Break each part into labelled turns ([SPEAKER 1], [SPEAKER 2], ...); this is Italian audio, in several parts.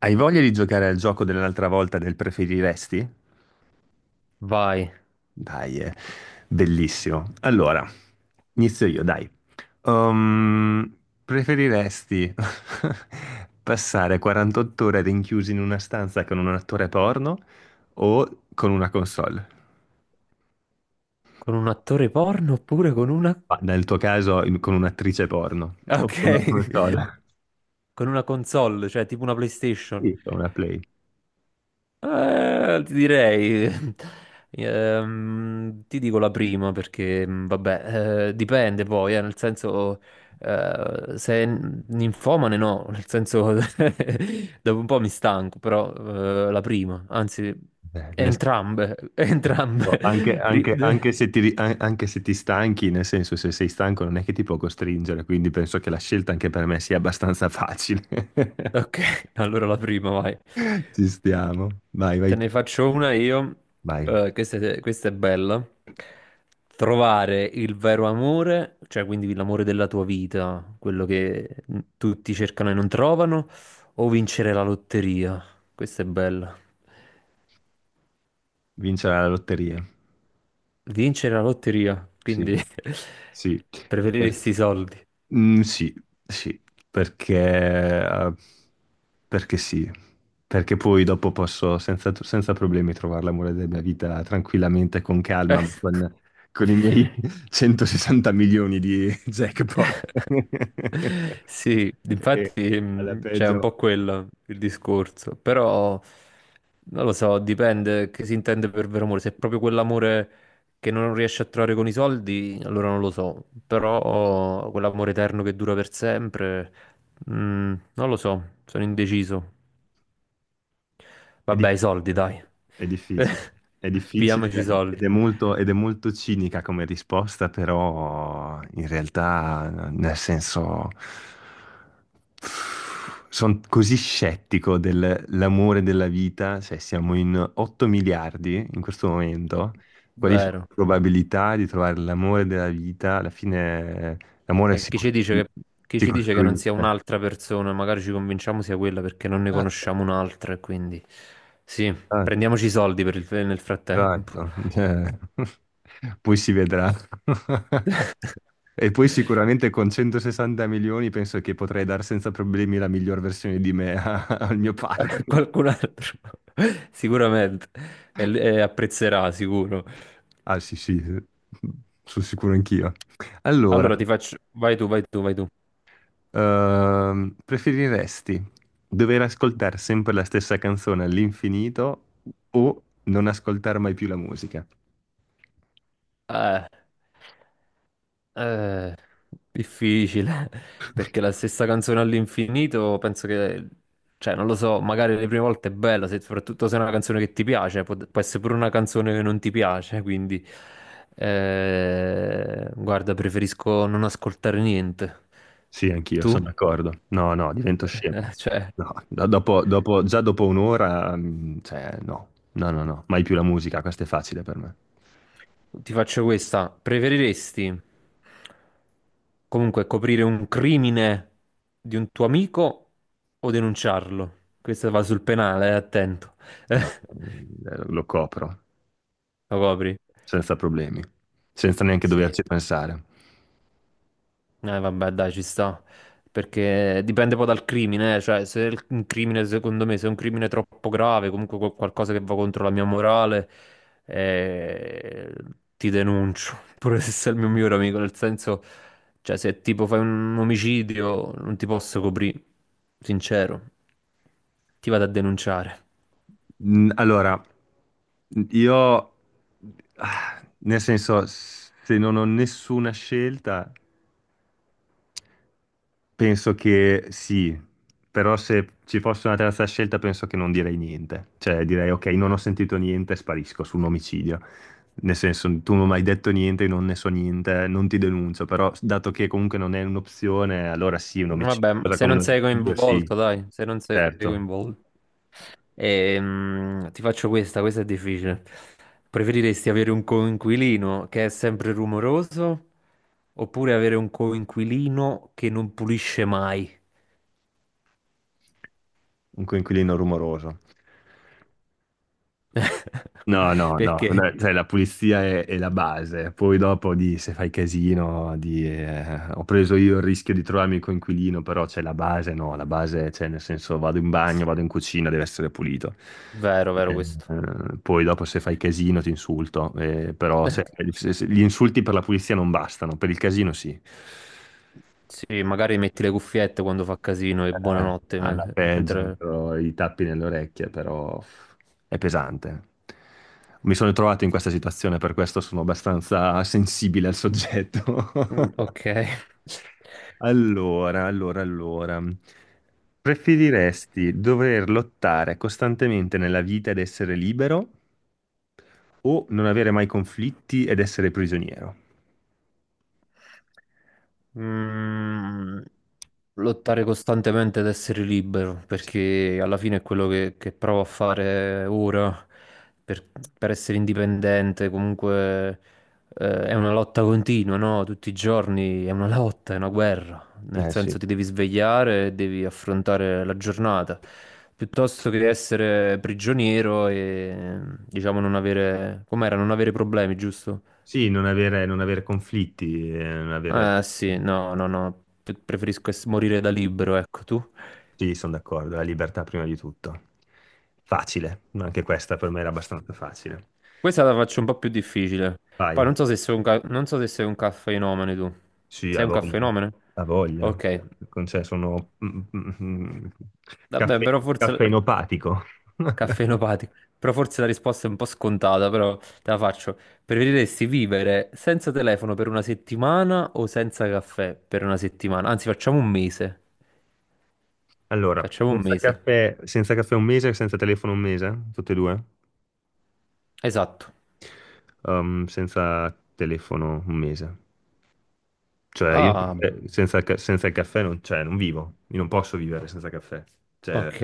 [SPEAKER 1] Hai voglia di giocare al gioco dell'altra volta del preferiresti?
[SPEAKER 2] Vai,
[SPEAKER 1] Dai, è bellissimo. Allora, inizio io, dai. Ehm, Preferiresti passare 48 ore rinchiusi in una stanza con un attore porno o con una console?
[SPEAKER 2] con un attore porno oppure con una.
[SPEAKER 1] Ma nel tuo caso, con un'attrice porno o
[SPEAKER 2] Ok,
[SPEAKER 1] con una console?
[SPEAKER 2] con una console, cioè tipo una PlayStation.
[SPEAKER 1] Sì, con una Play.
[SPEAKER 2] Eh, ti direi... ti dico la prima perché, vabbè, dipende poi, nel senso. Se è ninfomane no, nel senso. Dopo un po' mi stanco, però la prima, anzi,
[SPEAKER 1] Beh, nel
[SPEAKER 2] entrambe, entrambe.
[SPEAKER 1] Boh, anche, anche se ti, anche se ti stanchi, nel senso, se sei stanco non è che ti può costringere, quindi penso che la scelta anche per me sia abbastanza facile.
[SPEAKER 2] Ok, allora la prima, vai.
[SPEAKER 1] Ci stiamo. Vai,
[SPEAKER 2] Te
[SPEAKER 1] vai,
[SPEAKER 2] ne
[SPEAKER 1] tu.
[SPEAKER 2] faccio una io.
[SPEAKER 1] Vai.
[SPEAKER 2] Questa è bella. Trovare il vero amore, cioè quindi l'amore della tua vita, quello che tutti cercano e non trovano, o vincere la lotteria. Questa è bella.
[SPEAKER 1] Vincere la lotteria.
[SPEAKER 2] Vincere la lotteria,
[SPEAKER 1] Sì,
[SPEAKER 2] quindi
[SPEAKER 1] sì. Per-
[SPEAKER 2] preferiresti i soldi.
[SPEAKER 1] Sì, sì, perché, perché sì, perché poi dopo posso senza, senza problemi trovare l'amore della mia vita tranquillamente, con calma, ma
[SPEAKER 2] Eh.
[SPEAKER 1] con i miei 160 milioni di jackpot.
[SPEAKER 2] Sì,
[SPEAKER 1] E
[SPEAKER 2] infatti
[SPEAKER 1] alla
[SPEAKER 2] c'è un po'
[SPEAKER 1] peggio.
[SPEAKER 2] quello il discorso, però non lo so, dipende che si intende per vero amore. Se è proprio quell'amore che non riesci a trovare con i soldi, allora non lo so, però quell'amore eterno che dura per sempre, mh, non lo so, sono indeciso.
[SPEAKER 1] È
[SPEAKER 2] Vabbè, i soldi,
[SPEAKER 1] difficile,
[SPEAKER 2] dai.
[SPEAKER 1] è difficile, è
[SPEAKER 2] Pigliamoci i
[SPEAKER 1] difficile
[SPEAKER 2] soldi.
[SPEAKER 1] ed è molto cinica come risposta, però in realtà, nel senso, sono così scettico dell'amore della vita, se siamo in 8 miliardi in questo momento, quali sono
[SPEAKER 2] Vero.
[SPEAKER 1] le probabilità di trovare l'amore della vita? Alla fine l'amore
[SPEAKER 2] E chi
[SPEAKER 1] si
[SPEAKER 2] ci dice che non sia
[SPEAKER 1] costruisce.
[SPEAKER 2] un'altra persona? Magari ci convinciamo sia quella perché non ne
[SPEAKER 1] Esatto.
[SPEAKER 2] conosciamo un'altra. E quindi sì,
[SPEAKER 1] Esatto.
[SPEAKER 2] prendiamoci i soldi nel frattempo.
[SPEAKER 1] Esatto, cioè, poi si vedrà. E poi sicuramente con 160 milioni penso che potrei dare senza problemi la miglior versione di me al mio partner.
[SPEAKER 2] Qualcun altro sicuramente e, e apprezzerà, sicuro.
[SPEAKER 1] Ah sì, sì, sono sicuro anch'io. Allora,
[SPEAKER 2] Allora ti faccio. Vai tu, vai tu, vai tu.
[SPEAKER 1] preferiresti dover ascoltare sempre la stessa canzone all'infinito o non ascoltare mai più la musica?
[SPEAKER 2] Eh, Eh, difficile, perché la stessa canzone all'infinito, penso che, cioè, non lo so, magari le prime volte è bella, soprattutto se è una canzone che ti piace, può essere pure una canzone che non ti piace, quindi, guarda, preferisco non ascoltare niente.
[SPEAKER 1] Sì, anch'io, sono
[SPEAKER 2] Tu?
[SPEAKER 1] d'accordo. No, no, divento scemo.
[SPEAKER 2] Cioè...
[SPEAKER 1] No, già dopo un'ora, cioè, no, no, no, no, mai più la musica, questo è facile per me.
[SPEAKER 2] Ti faccio questa. Preferiresti comunque coprire un crimine di un tuo amico o denunciarlo? Questa va sul penale, attento.
[SPEAKER 1] No, lo copro,
[SPEAKER 2] Lo copri?
[SPEAKER 1] senza problemi, senza neanche
[SPEAKER 2] Sì.
[SPEAKER 1] doverci pensare.
[SPEAKER 2] Vabbè, dai, ci sta. Perché dipende poi dal crimine, eh. Cioè se un crimine, secondo me, se è un crimine troppo grave, comunque qualcosa che va contro la mia morale, eh, ti denuncio, pure se sei il mio migliore amico, nel senso, cioè se tipo fai un omicidio, non ti posso coprire, sincero, ti vado a denunciare.
[SPEAKER 1] Allora, io, nel senso, se non ho nessuna scelta. Penso che sì, però se ci fosse una terza scelta penso che non direi niente, cioè direi ok, non ho sentito niente, sparisco su un omicidio, nel senso tu non mi hai detto niente, io non ne so niente, non ti denuncio, però dato che comunque non è un'opzione, allora sì, un omicidio,
[SPEAKER 2] Vabbè,
[SPEAKER 1] cosa
[SPEAKER 2] se
[SPEAKER 1] come
[SPEAKER 2] non
[SPEAKER 1] un
[SPEAKER 2] sei
[SPEAKER 1] omicidio, sì,
[SPEAKER 2] coinvolto, dai, se non sei
[SPEAKER 1] certo,
[SPEAKER 2] coinvolto. Ti faccio questa, questa è difficile. Preferiresti avere un coinquilino che è sempre rumoroso oppure avere un coinquilino che non pulisce mai?
[SPEAKER 1] un coinquilino rumoroso. No, no, no,
[SPEAKER 2] Perché?
[SPEAKER 1] no, cioè, la pulizia è la base, poi dopo di se fai casino, di, ho preso io il rischio di trovarmi il coinquilino, però c'è la base, no, la base, cioè nel senso vado in bagno, vado in cucina, deve essere pulito.
[SPEAKER 2] Vero,
[SPEAKER 1] Eh,
[SPEAKER 2] vero questo.
[SPEAKER 1] poi dopo se fai casino ti insulto, però
[SPEAKER 2] Eh,
[SPEAKER 1] gli insulti per la pulizia non bastano, per il casino sì.
[SPEAKER 2] Sì, magari metti le cuffiette quando fa casino e buonanotte.
[SPEAKER 1] Alla peggio,
[SPEAKER 2] Mentre.
[SPEAKER 1] metterò i tappi nelle orecchie, però è pesante. Mi sono trovato in questa situazione, per questo sono abbastanza sensibile al soggetto.
[SPEAKER 2] Ok.
[SPEAKER 1] Allora, allora, allora. Preferiresti dover lottare costantemente nella vita ed essere libero o non avere mai conflitti ed essere prigioniero?
[SPEAKER 2] Mm, lottare costantemente ad essere libero, perché alla fine è quello che provo a fare ora per, per essere indipendente. Comunque, è una lotta continua, no? Tutti i giorni è una lotta, è una guerra. Nel
[SPEAKER 1] Eh sì.
[SPEAKER 2] senso, ti devi svegliare e devi affrontare la giornata. Piuttosto che essere prigioniero e diciamo non avere, com'era, non avere problemi, giusto?
[SPEAKER 1] Sì, non avere, non avere conflitti, non avere.
[SPEAKER 2] Eh sì, no, no, no, preferisco morire da libero, ecco tu.
[SPEAKER 1] Sì, sono d'accordo, la libertà prima di tutto. Facile, ma anche questa per me era abbastanza facile.
[SPEAKER 2] Questa la faccio un po' più difficile.
[SPEAKER 1] Vai,
[SPEAKER 2] Poi non so se sei un caffeinomane tu.
[SPEAKER 1] sì, ha
[SPEAKER 2] Sei un
[SPEAKER 1] voglia,
[SPEAKER 2] caffeinomane?
[SPEAKER 1] ha voglia.
[SPEAKER 2] Ok,
[SPEAKER 1] Cioè, sono
[SPEAKER 2] vabbè,
[SPEAKER 1] caffe-
[SPEAKER 2] però forse.
[SPEAKER 1] caffeinopatico.
[SPEAKER 2] Caffeinopatico. Però forse la risposta è un po' scontata, però te la faccio. Preferiresti vivere senza telefono per una settimana o senza caffè per una settimana? Anzi, facciamo un mese.
[SPEAKER 1] Allora,
[SPEAKER 2] Facciamo un
[SPEAKER 1] senza
[SPEAKER 2] mese.
[SPEAKER 1] caffè, senza caffè un mese, senza telefono un mese, tutte e due?
[SPEAKER 2] Esatto.
[SPEAKER 1] Senza telefono un mese. Cioè, io
[SPEAKER 2] Ah.
[SPEAKER 1] senza, senza il caffè non, cioè, non vivo, io non posso vivere senza caffè. Cioè,
[SPEAKER 2] Ok.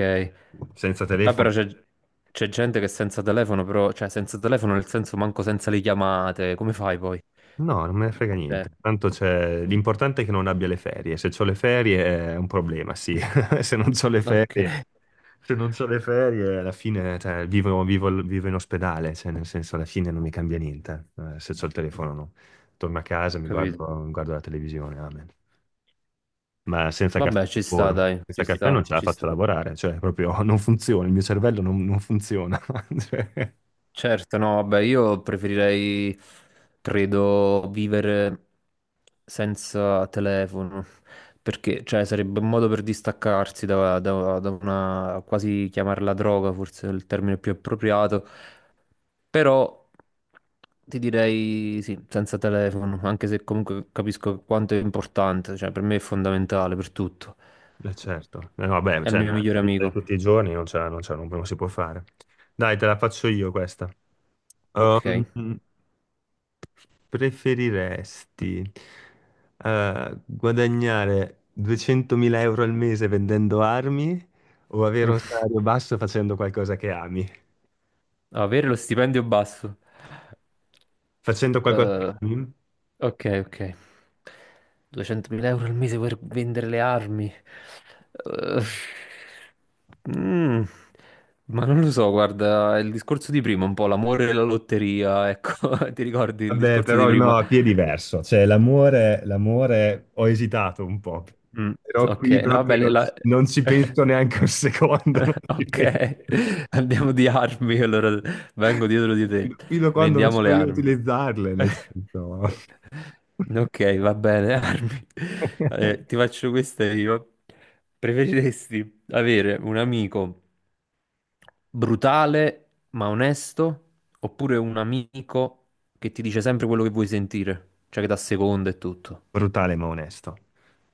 [SPEAKER 1] senza
[SPEAKER 2] Ah,
[SPEAKER 1] telefono
[SPEAKER 2] però c'è gente che è senza telefono, però, cioè senza telefono nel senso manco senza le chiamate, come fai poi?
[SPEAKER 1] no, non me ne frega
[SPEAKER 2] Cioè,
[SPEAKER 1] niente. Tanto c'è l'importante è che non abbia le ferie. Se ho le ferie è un problema, sì. Se non ho le
[SPEAKER 2] ok,
[SPEAKER 1] ferie, se non c'ho le ferie, alla fine, cioè, vivo, vivo in ospedale, cioè, nel senso, alla fine non mi cambia niente. Se ho il telefono, no. Torno a
[SPEAKER 2] ho
[SPEAKER 1] casa,
[SPEAKER 2] capito.
[SPEAKER 1] mi guardo la televisione, amen. Ma senza caffè
[SPEAKER 2] Vabbè,
[SPEAKER 1] non
[SPEAKER 2] ci sta,
[SPEAKER 1] lavoro.
[SPEAKER 2] dai,
[SPEAKER 1] Senza
[SPEAKER 2] ci
[SPEAKER 1] caffè
[SPEAKER 2] sta,
[SPEAKER 1] non ce la
[SPEAKER 2] ci
[SPEAKER 1] faccio
[SPEAKER 2] sta.
[SPEAKER 1] lavorare, cioè, proprio non funziona, il mio cervello non, non funziona. Cioè,
[SPEAKER 2] Certo, no, vabbè, io preferirei, credo, vivere senza telefono, perché, cioè, sarebbe un modo per distaccarsi da una, quasi chiamarla droga, forse è il termine più appropriato, però ti direi sì, senza telefono, anche se comunque capisco quanto è importante, cioè, per me è fondamentale per tutto,
[SPEAKER 1] eh, certo, eh, no, vabbè,
[SPEAKER 2] è il
[SPEAKER 1] cioè,
[SPEAKER 2] mio
[SPEAKER 1] nella
[SPEAKER 2] migliore
[SPEAKER 1] vita di
[SPEAKER 2] amico,
[SPEAKER 1] tutti i giorni non c'è, non c'è, non, non si può fare. Dai, te la faccio io questa.
[SPEAKER 2] ok?
[SPEAKER 1] Um, Preferiresti guadagnare 200.000 euro al mese vendendo armi o avere
[SPEAKER 2] Mm.
[SPEAKER 1] un salario basso facendo qualcosa che ami?
[SPEAKER 2] Avere lo stipendio basso.
[SPEAKER 1] Facendo qualcosa che
[SPEAKER 2] Eh,
[SPEAKER 1] ami?
[SPEAKER 2] ok, ok. 200.000 euro al mese per vendere le armi. Eh, mm, ma non lo so, guarda, è il discorso di prima, un po' l'amore e la lotteria, ecco, ti ricordi il
[SPEAKER 1] Vabbè,
[SPEAKER 2] discorso di
[SPEAKER 1] però
[SPEAKER 2] prima?
[SPEAKER 1] no, qui è diverso. Cioè, l'amore, l'amore, ho esitato un po',
[SPEAKER 2] Mm,
[SPEAKER 1] però
[SPEAKER 2] ok,
[SPEAKER 1] qui
[SPEAKER 2] no, vabbè,
[SPEAKER 1] proprio non, non ci penso neanche un secondo. Non ci
[SPEAKER 2] ok,
[SPEAKER 1] penso.
[SPEAKER 2] andiamo di armi, allora vengo dietro di te,
[SPEAKER 1] Fino fino a quando non
[SPEAKER 2] vendiamo le
[SPEAKER 1] sono io a
[SPEAKER 2] armi.
[SPEAKER 1] utilizzarle, nel senso.
[SPEAKER 2] Ok, va bene, Armi. Eh, ti faccio questa io. Preferiresti avere un amico brutale ma onesto oppure un amico che ti dice sempre quello che vuoi sentire, cioè che dà seconda e tutto?
[SPEAKER 1] Brutale ma onesto.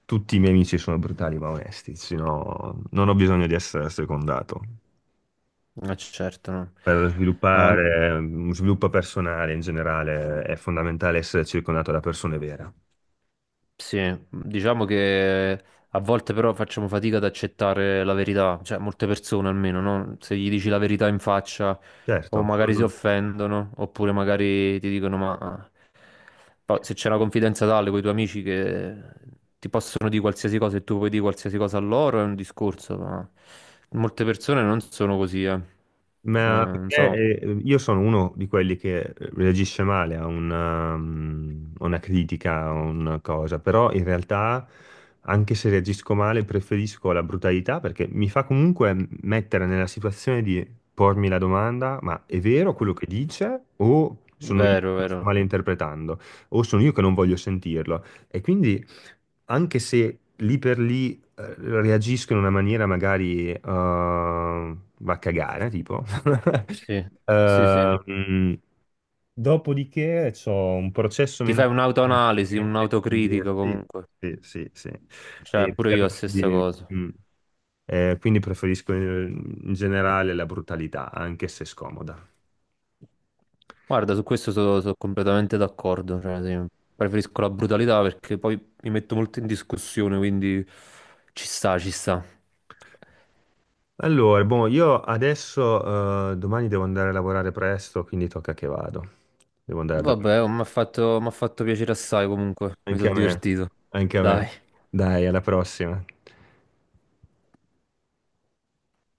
[SPEAKER 1] Tutti i miei amici sono brutali ma onesti, sennò non ho bisogno di essere secondato.
[SPEAKER 2] Ma certo,
[SPEAKER 1] Per
[SPEAKER 2] no.
[SPEAKER 1] sviluppare uno sviluppo personale in generale è fondamentale essere circondato da persone vere.
[SPEAKER 2] Sì, diciamo che a volte però facciamo fatica ad accettare la verità, cioè molte persone almeno, no? Se gli dici la verità in faccia o
[SPEAKER 1] Certo,
[SPEAKER 2] magari si offendono, oppure magari ti dicono ma se c'è una confidenza tale con i tuoi amici che ti possono dire qualsiasi cosa e tu puoi dire qualsiasi cosa a loro è un discorso, ma molte persone non sono così, eh.
[SPEAKER 1] ma
[SPEAKER 2] Non so,
[SPEAKER 1] perché, io sono uno di quelli che reagisce male a una, a una critica, a una cosa, però in realtà anche se reagisco male preferisco la brutalità perché mi fa comunque mettere nella situazione di pormi la domanda, ma è vero quello che dice o sono io
[SPEAKER 2] vero,
[SPEAKER 1] che lo sto
[SPEAKER 2] vero.
[SPEAKER 1] malinterpretando o sono io che non voglio sentirlo? E quindi anche se lì per lì eh, reagiscono in una maniera magari va a cagare, tipo.
[SPEAKER 2] Sì, sì, sì.
[SPEAKER 1] Eh, mm, Dopodiché c'ho un processo
[SPEAKER 2] Ti fai
[SPEAKER 1] mentale che mi
[SPEAKER 2] un'autoanalisi,
[SPEAKER 1] permette di.
[SPEAKER 2] un'autocritica
[SPEAKER 1] Sì,
[SPEAKER 2] comunque.
[SPEAKER 1] sì, sì, sì.
[SPEAKER 2] Cioè,
[SPEAKER 1] E
[SPEAKER 2] pure io la
[SPEAKER 1] permette
[SPEAKER 2] stessa
[SPEAKER 1] di-
[SPEAKER 2] cosa.
[SPEAKER 1] mm. Quindi preferisco in generale la brutalità, anche se scomoda.
[SPEAKER 2] Guarda, su questo sono completamente d'accordo. Cioè, sì, preferisco la brutalità perché poi mi metto molto in discussione, quindi ci sta, ci sta.
[SPEAKER 1] Allora, boh, io adesso domani devo andare a lavorare presto, quindi tocca che vado. Devo andare a dormire.
[SPEAKER 2] Vabbè, m'ha fatto piacere assai comunque, mi
[SPEAKER 1] Anche
[SPEAKER 2] sono
[SPEAKER 1] a me,
[SPEAKER 2] divertito.
[SPEAKER 1] anche a me.
[SPEAKER 2] Dai.
[SPEAKER 1] Dai, alla prossima.